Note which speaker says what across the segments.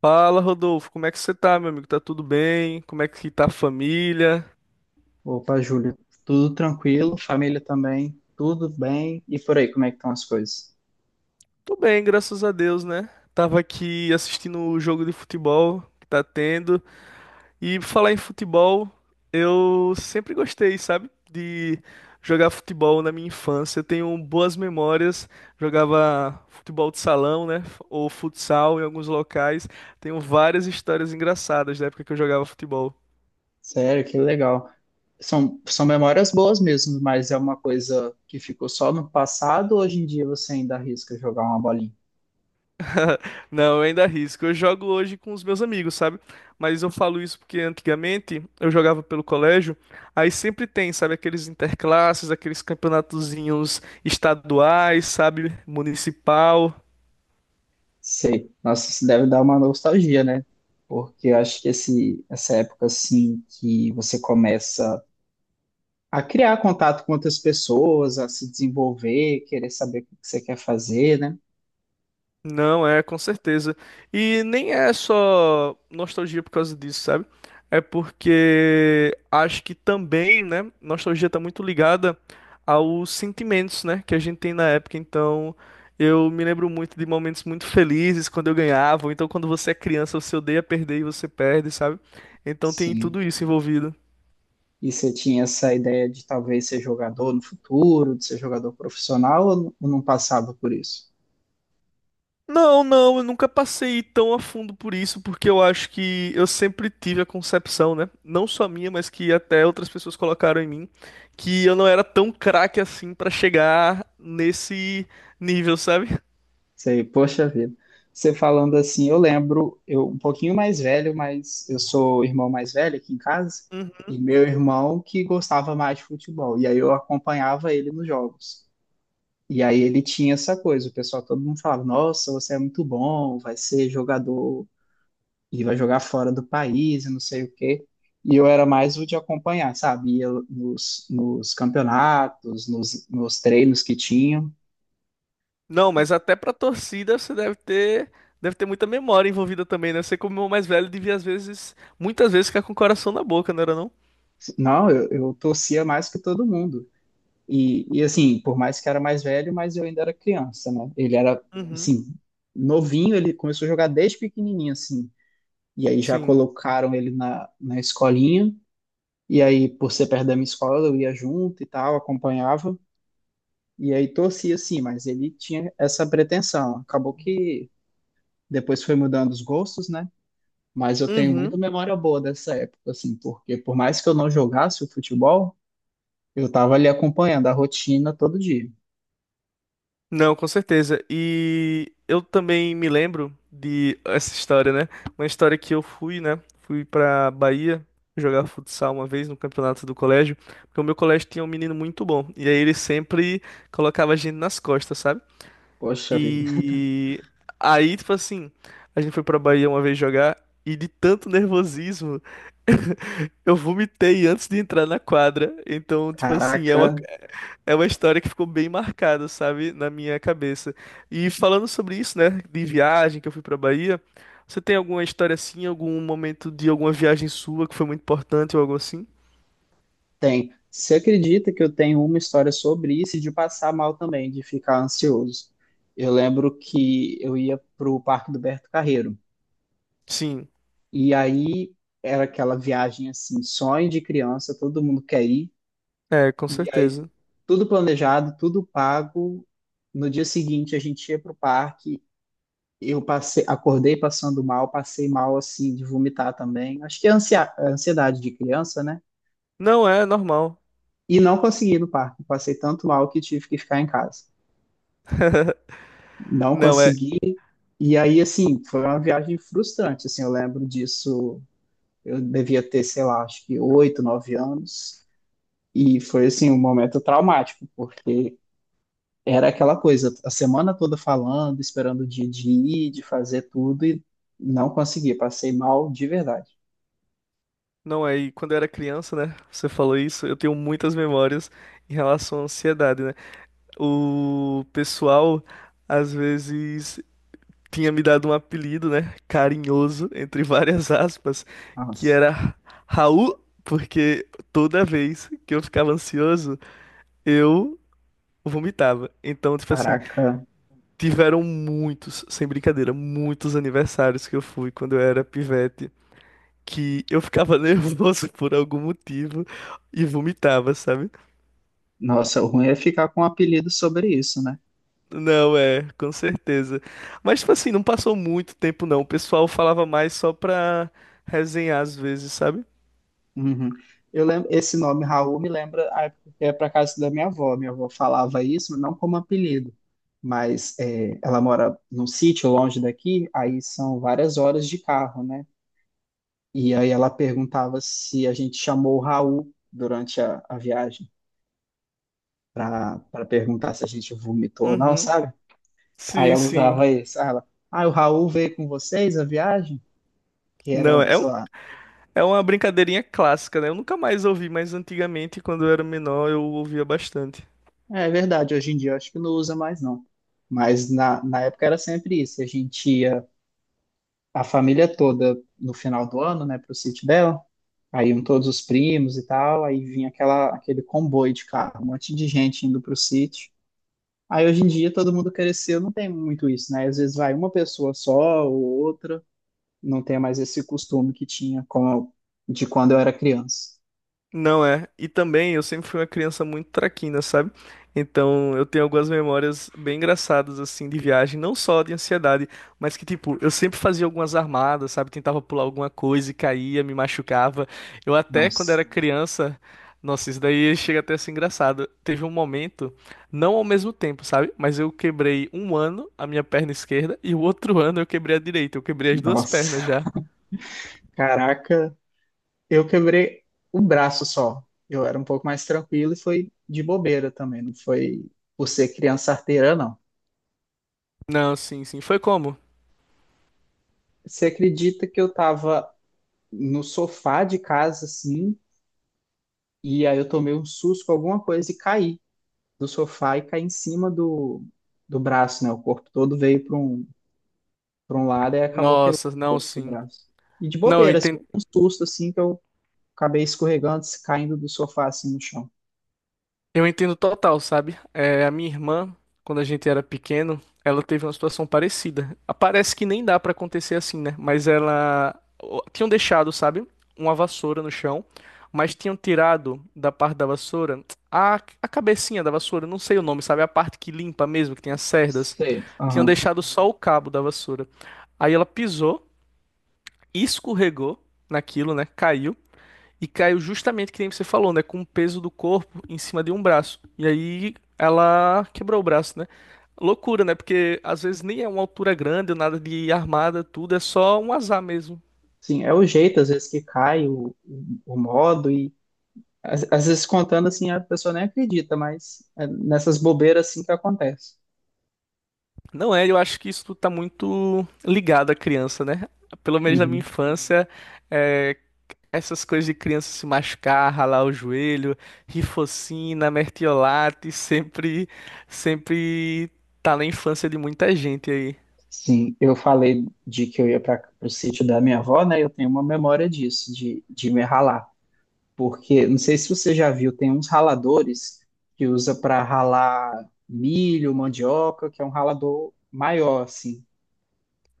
Speaker 1: Fala, Rodolfo, como é que você tá, meu amigo? Tá tudo bem? Como é que tá a família?
Speaker 2: Opa, Júlia, tudo tranquilo, família também, tudo bem. E por aí, como é que estão as coisas?
Speaker 1: Tô bem, graças a Deus, né? Tava aqui assistindo o jogo de futebol que tá tendo. E pra falar em futebol, eu sempre gostei, sabe? De jogar futebol na minha infância. Eu tenho boas memórias. Jogava futebol de salão, né? Ou futsal em alguns locais. Tenho várias histórias engraçadas da época que eu jogava futebol.
Speaker 2: Sério, que legal. São memórias boas mesmo, mas é uma coisa que ficou só no passado, ou hoje em dia você ainda arrisca jogar uma bolinha?
Speaker 1: Não, eu ainda arrisco. Eu jogo hoje com os meus amigos, sabe? Mas eu falo isso porque antigamente eu jogava pelo colégio, aí sempre tem, sabe, aqueles interclasses, aqueles campeonatozinhos estaduais, sabe, municipal.
Speaker 2: Sei. Nossa, isso deve dar uma nostalgia, né? Porque eu acho que essa época, assim, que você começa a criar contato com outras pessoas, a se desenvolver, querer saber o que você quer fazer, né?
Speaker 1: Não, é, com certeza. E nem é só nostalgia por causa disso, sabe? É porque acho que também, né, nostalgia tá muito ligada aos sentimentos, né, que a gente tem na época. Então, eu me lembro muito de momentos muito felizes quando eu ganhava, ou então quando você é criança, você odeia perder e você perde, sabe? Então tem tudo
Speaker 2: Sim.
Speaker 1: isso envolvido.
Speaker 2: E você tinha essa ideia de talvez ser jogador no futuro, de ser jogador profissional, ou não passava por isso?
Speaker 1: Não, não, eu nunca passei tão a fundo por isso, porque eu acho que eu sempre tive a concepção, né? Não só minha, mas que até outras pessoas colocaram em mim, que eu não era tão craque assim pra chegar nesse nível, sabe?
Speaker 2: Você, poxa vida. Você falando assim, eu lembro, eu um pouquinho mais velho, mas eu sou irmão mais velho aqui em casa,
Speaker 1: Uhum.
Speaker 2: e meu irmão que gostava mais de futebol, e aí eu acompanhava ele nos jogos. E aí ele tinha essa coisa, o pessoal todo mundo falava, nossa, você é muito bom, vai ser jogador e vai jogar fora do país e não sei o quê. E eu era mais o de acompanhar, sabe? Ia nos campeonatos, nos treinos que tinham.
Speaker 1: Não, mas até pra torcida você deve ter muita memória envolvida também, né? Você como o mais velho devia às vezes, muitas vezes ficar com o coração na boca, não era não?
Speaker 2: Não, eu torcia mais que todo mundo. E assim, por mais que era mais velho, mas eu ainda era criança, né? Ele era,
Speaker 1: Uhum.
Speaker 2: assim, novinho, ele começou a jogar desde pequenininho, assim. E aí já
Speaker 1: Sim.
Speaker 2: colocaram ele na escolinha. E aí, por ser perto da minha escola, eu ia junto e tal, acompanhava. E aí torcia sim, mas ele tinha essa pretensão. Acabou que depois foi mudando os gostos, né? Mas eu tenho muita
Speaker 1: Uhum.
Speaker 2: memória boa dessa época, assim, porque por mais que eu não jogasse o futebol, eu tava ali acompanhando a rotina todo dia.
Speaker 1: Não, com certeza. E eu também me lembro de essa história, né? Uma história que eu fui, né? Fui pra Bahia jogar futsal uma vez no campeonato do colégio, porque o meu colégio tinha um menino muito bom. E aí ele sempre colocava a gente nas costas, sabe?
Speaker 2: Poxa vida,
Speaker 1: E aí, tipo assim, a gente foi pra Bahia uma vez jogar e de tanto nervosismo eu vomitei antes de entrar na quadra. Então, tipo assim,
Speaker 2: caraca,
Speaker 1: é uma história que ficou bem marcada, sabe, na minha cabeça. E falando sobre isso, né, de viagem que eu fui pra Bahia, você tem alguma história assim, algum momento de alguma viagem sua que foi muito importante ou algo assim?
Speaker 2: tem. Você acredita que eu tenho uma história sobre isso e de passar mal também, de ficar ansioso? Eu lembro que eu ia pro Parque do Berto Carreiro,
Speaker 1: Sim,
Speaker 2: e aí era aquela viagem, assim, sonho de criança, todo mundo quer ir.
Speaker 1: é, com
Speaker 2: E aí,
Speaker 1: certeza.
Speaker 2: tudo planejado, tudo pago. No dia seguinte, a gente ia pro parque. Eu passei, acordei passando mal, passei mal assim de vomitar também. Acho que é ansiedade de criança, né?
Speaker 1: Não é normal.
Speaker 2: E não consegui ir no parque. Passei tanto mal que tive que ficar em casa. Não
Speaker 1: Não é.
Speaker 2: consegui. E aí, assim, foi uma viagem frustrante. Assim, eu lembro disso. Eu devia ter, sei lá, acho que oito, nove anos. E foi assim um momento traumático, porque era aquela coisa, a semana toda falando, esperando o dia de ir, de fazer tudo e não consegui, passei mal de verdade.
Speaker 1: Não, aí quando eu era criança, né? Você falou isso, eu tenho muitas memórias em relação à ansiedade, né? O pessoal às vezes tinha me dado um apelido, né? Carinhoso, entre várias aspas, que
Speaker 2: Nossa,
Speaker 1: era Raul, porque toda vez que eu ficava ansioso, eu vomitava. Então, tipo assim,
Speaker 2: caraca,
Speaker 1: tiveram muitos, sem brincadeira, muitos aniversários que eu fui quando eu era pivete. Que eu ficava nervoso por algum motivo e vomitava, sabe?
Speaker 2: nossa, o ruim é ficar com um apelido sobre isso, né?
Speaker 1: Não, é, com certeza. Mas, tipo assim, não passou muito tempo, não. O pessoal falava mais só pra resenhar às vezes, sabe?
Speaker 2: Uhum. Eu lembro, esse nome Raul me lembra a época que é para casa da minha avó. Minha avó falava isso, não como apelido, mas é, ela mora num sítio longe daqui, aí são várias horas de carro, né? E aí ela perguntava se a gente chamou o Raul durante a viagem, pra, pra perguntar se a gente vomitou ou não,
Speaker 1: Uhum.
Speaker 2: sabe? Aí
Speaker 1: Sim,
Speaker 2: ela
Speaker 1: sim.
Speaker 2: usava isso. Aí ela, ah, o Raul veio com vocês a viagem? Que
Speaker 1: Não,
Speaker 2: era,
Speaker 1: é
Speaker 2: sei
Speaker 1: um,
Speaker 2: lá.
Speaker 1: é uma brincadeirinha clássica, né? Eu nunca mais ouvi, mas antigamente, quando eu era menor, eu ouvia bastante.
Speaker 2: É verdade, hoje em dia eu acho que não usa mais, não. Mas na época era sempre isso. A gente ia, a família toda, no final do ano, né, pro sítio dela. Aí iam todos os primos e tal. Aí vinha aquela, aquele comboio de carro, um monte de gente indo pro sítio. Aí hoje em dia todo mundo cresceu, não tem muito isso, né? Às vezes vai uma pessoa só ou outra. Não tenha mais esse costume que tinha com, de quando eu era criança.
Speaker 1: Não é. E também eu sempre fui uma criança muito traquina, sabe? Então eu tenho algumas memórias bem engraçadas assim de viagem, não só de ansiedade, mas que tipo, eu sempre fazia algumas armadas, sabe? Tentava pular alguma coisa e caía, me machucava. Eu até quando
Speaker 2: Nossa,
Speaker 1: era criança, nossa, isso daí chega até a ser engraçado. Teve um momento, não ao mesmo tempo, sabe? Mas eu quebrei um ano a minha perna esquerda e o outro ano eu quebrei a direita. Eu quebrei as duas pernas
Speaker 2: nossa,
Speaker 1: já.
Speaker 2: caraca, eu quebrei o braço só. Eu era um pouco mais tranquilo e foi de bobeira também, não foi por ser criança arteira, não.
Speaker 1: Não, sim, sim. Foi como?
Speaker 2: Você acredita que eu tava no sofá de casa, assim, e aí eu tomei um susto com alguma coisa e caí do sofá e caí em cima do braço, né? O corpo todo veio para um lado e acabou quebrando
Speaker 1: Nossa,
Speaker 2: o
Speaker 1: não,
Speaker 2: osso do
Speaker 1: sim.
Speaker 2: braço. E de
Speaker 1: Não, eu
Speaker 2: bobeira, assim,
Speaker 1: entendo.
Speaker 2: um susto assim que eu acabei escorregando, caindo do sofá assim no chão.
Speaker 1: Eu entendo total, sabe? É, a minha irmã, quando a gente era pequeno, ela teve uma situação parecida. Ah, parece que nem dá pra acontecer assim, né? Mas ela tinham deixado, sabe, uma vassoura no chão, mas tinham tirado da parte da vassoura a, a cabecinha da vassoura, não sei o nome, sabe? A parte que limpa mesmo, que tem as cerdas.
Speaker 2: Sei.
Speaker 1: Tinham
Speaker 2: Aham.
Speaker 1: deixado só o cabo da vassoura. Aí ela pisou, escorregou naquilo, né? Caiu. E caiu justamente que nem você falou, né? Com o peso do corpo em cima de um braço. E aí ela quebrou o braço, né? Loucura, né? Porque às vezes nem é uma altura grande, ou nada de armada, tudo, é só um azar mesmo.
Speaker 2: Sim, é o jeito, às vezes, que cai o modo, e às vezes contando assim, a pessoa nem acredita, mas é nessas bobeiras assim que acontece.
Speaker 1: Não é, eu acho que isso tá muito ligado à criança, né? Pelo menos na minha
Speaker 2: Uhum.
Speaker 1: infância, é, essas coisas de criança se machucar, ralar o joelho, rifocina, mertiolate, sempre, sempre tá na infância de muita gente aí.
Speaker 2: Sim, eu falei de que eu ia para o sítio da minha avó, né? Eu tenho uma memória disso, de me ralar, porque não sei se você já viu, tem uns raladores que usa para ralar milho, mandioca, que é um ralador maior assim,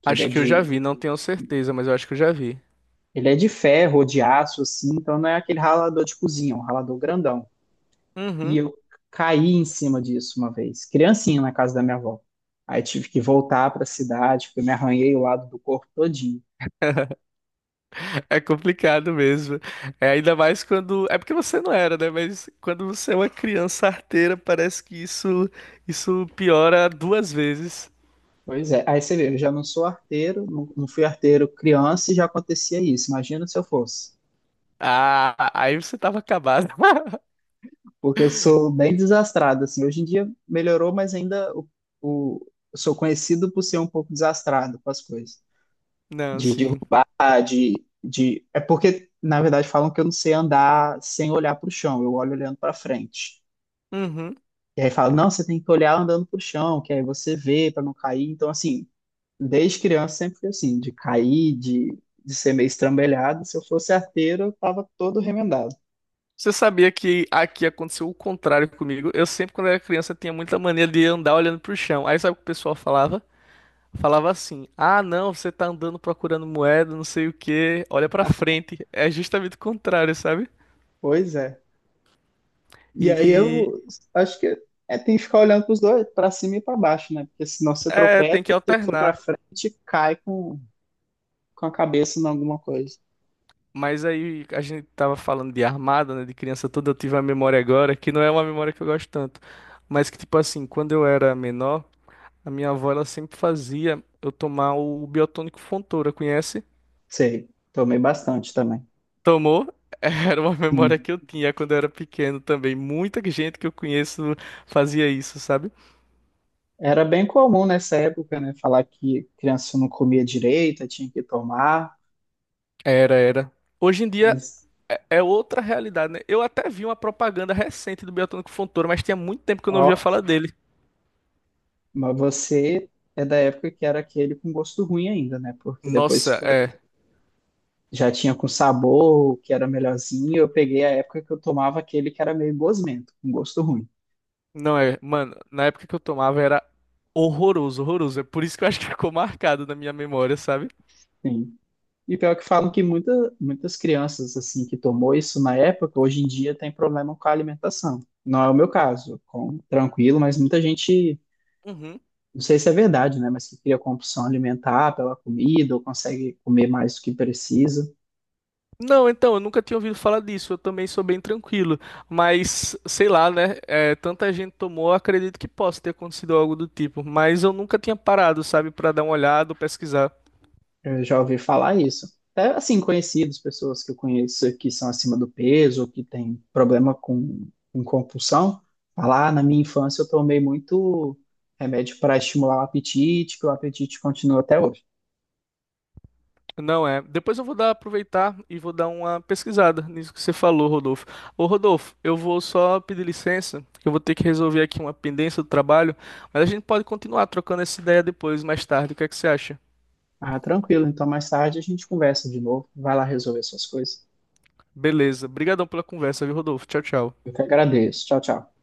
Speaker 2: que
Speaker 1: Acho que eu já vi, não tenho certeza, mas eu acho que eu já vi.
Speaker 2: ele é de ferro ou de aço assim, então não é aquele ralador de cozinha, é um ralador grandão. E
Speaker 1: Uhum.
Speaker 2: eu caí em cima disso uma vez, criancinha na casa da minha avó. Aí tive que voltar para a cidade, porque eu me arranhei o lado do corpo todinho.
Speaker 1: É complicado mesmo. É ainda mais quando. É porque você não era, né? Mas quando você é uma criança arteira, parece que isso isso piora duas vezes.
Speaker 2: Pois é, aí você vê, eu já não sou arteiro, não, não fui arteiro criança e já acontecia isso. Imagina se eu fosse.
Speaker 1: Ah, aí você tava acabado.
Speaker 2: Porque eu sou bem desastrado, assim. Hoje em dia melhorou, mas eu sou conhecido por ser um pouco desastrado com as coisas.
Speaker 1: Não,
Speaker 2: De
Speaker 1: sim.
Speaker 2: derrubar, de. É porque, na verdade, falam que eu não sei andar sem olhar para o chão, eu olho olhando para frente.
Speaker 1: Uhum.
Speaker 2: E aí falam, não, você tem que olhar andando para o chão, que aí você vê para não cair. Então, assim, desde criança sempre fui assim, de cair, de ser meio estrambelhado. Se eu fosse arteiro, eu tava todo remendado.
Speaker 1: Você sabia que aqui aconteceu o contrário comigo? Eu sempre, quando era criança, tinha muita mania de andar olhando pro chão. Aí sabe o que o pessoal falava? Falava assim: "Ah, não, você tá andando procurando moeda, não sei o quê, olha pra frente". É justamente o contrário, sabe?
Speaker 2: Pois é. E aí
Speaker 1: E
Speaker 2: eu acho que é, tem que ficar olhando para os dois, para cima e para baixo, né? Porque senão você
Speaker 1: É,
Speaker 2: tropeça,
Speaker 1: tem que
Speaker 2: se for para
Speaker 1: alternar.
Speaker 2: frente, cai com a cabeça em alguma coisa.
Speaker 1: Mas aí a gente tava falando de armada, né, de criança toda, eu tive uma memória agora que não é uma memória que eu gosto tanto, mas que tipo assim, quando eu era menor, a minha avó ela sempre fazia eu tomar o biotônico Fontoura, conhece?
Speaker 2: Sei, tomei bastante também.
Speaker 1: Tomou? Era uma memória
Speaker 2: Hum.
Speaker 1: que eu tinha quando eu era pequeno também. Muita gente que eu conheço fazia isso, sabe?
Speaker 2: Era bem comum nessa época, né? Falar que criança não comia direito, tinha que tomar.
Speaker 1: Era, era. Hoje em dia
Speaker 2: Mas,
Speaker 1: é outra realidade, né? Eu até vi uma propaganda recente do Biotônico Fontoura, mas tinha muito tempo que eu não ouvia
Speaker 2: ó,
Speaker 1: falar dele.
Speaker 2: mas você é da época que era aquele com gosto ruim ainda, né? Porque depois
Speaker 1: Nossa,
Speaker 2: foi,
Speaker 1: é.
Speaker 2: já tinha com sabor, que era melhorzinho. Eu peguei a época que eu tomava aquele que era meio gosmento, com gosto ruim.
Speaker 1: Não é. Mano, na época que eu tomava era horroroso, horroroso. É por isso que eu acho que ficou marcado na minha memória, sabe?
Speaker 2: Sim. E pior que falam que muitas crianças assim que tomou isso na época, hoje em dia tem problema com a alimentação. Não é o meu caso, com, tranquilo, mas muita gente,
Speaker 1: Uhum.
Speaker 2: não sei se é verdade, né, mas que cria compulsão alimentar pela comida ou consegue comer mais do que precisa.
Speaker 1: Não, então, eu nunca tinha ouvido falar disso. Eu também sou bem tranquilo. Mas, sei lá, né? É, tanta gente tomou, eu acredito que possa ter acontecido algo do tipo. Mas eu nunca tinha parado, sabe, pra dar uma olhada ou pesquisar.
Speaker 2: Eu já ouvi falar isso. Até assim, conhecidos, pessoas que eu conheço que são acima do peso ou que têm problema com compulsão, falar, "Ah, na minha infância eu tomei muito remédio para estimular o apetite, que o apetite continua até hoje."
Speaker 1: Não é. Depois eu vou dar, aproveitar e vou dar uma pesquisada nisso que você falou, Rodolfo. Ô, Rodolfo, eu vou só pedir licença, que eu vou ter que resolver aqui uma pendência do trabalho, mas a gente pode continuar trocando essa ideia depois, mais tarde. O que é que você acha?
Speaker 2: Ah, tranquilo. Então, mais tarde a gente conversa de novo. Vai lá resolver suas coisas.
Speaker 1: Beleza. Obrigadão pela conversa, viu, Rodolfo? Tchau, tchau.
Speaker 2: Eu que agradeço. Tchau, tchau.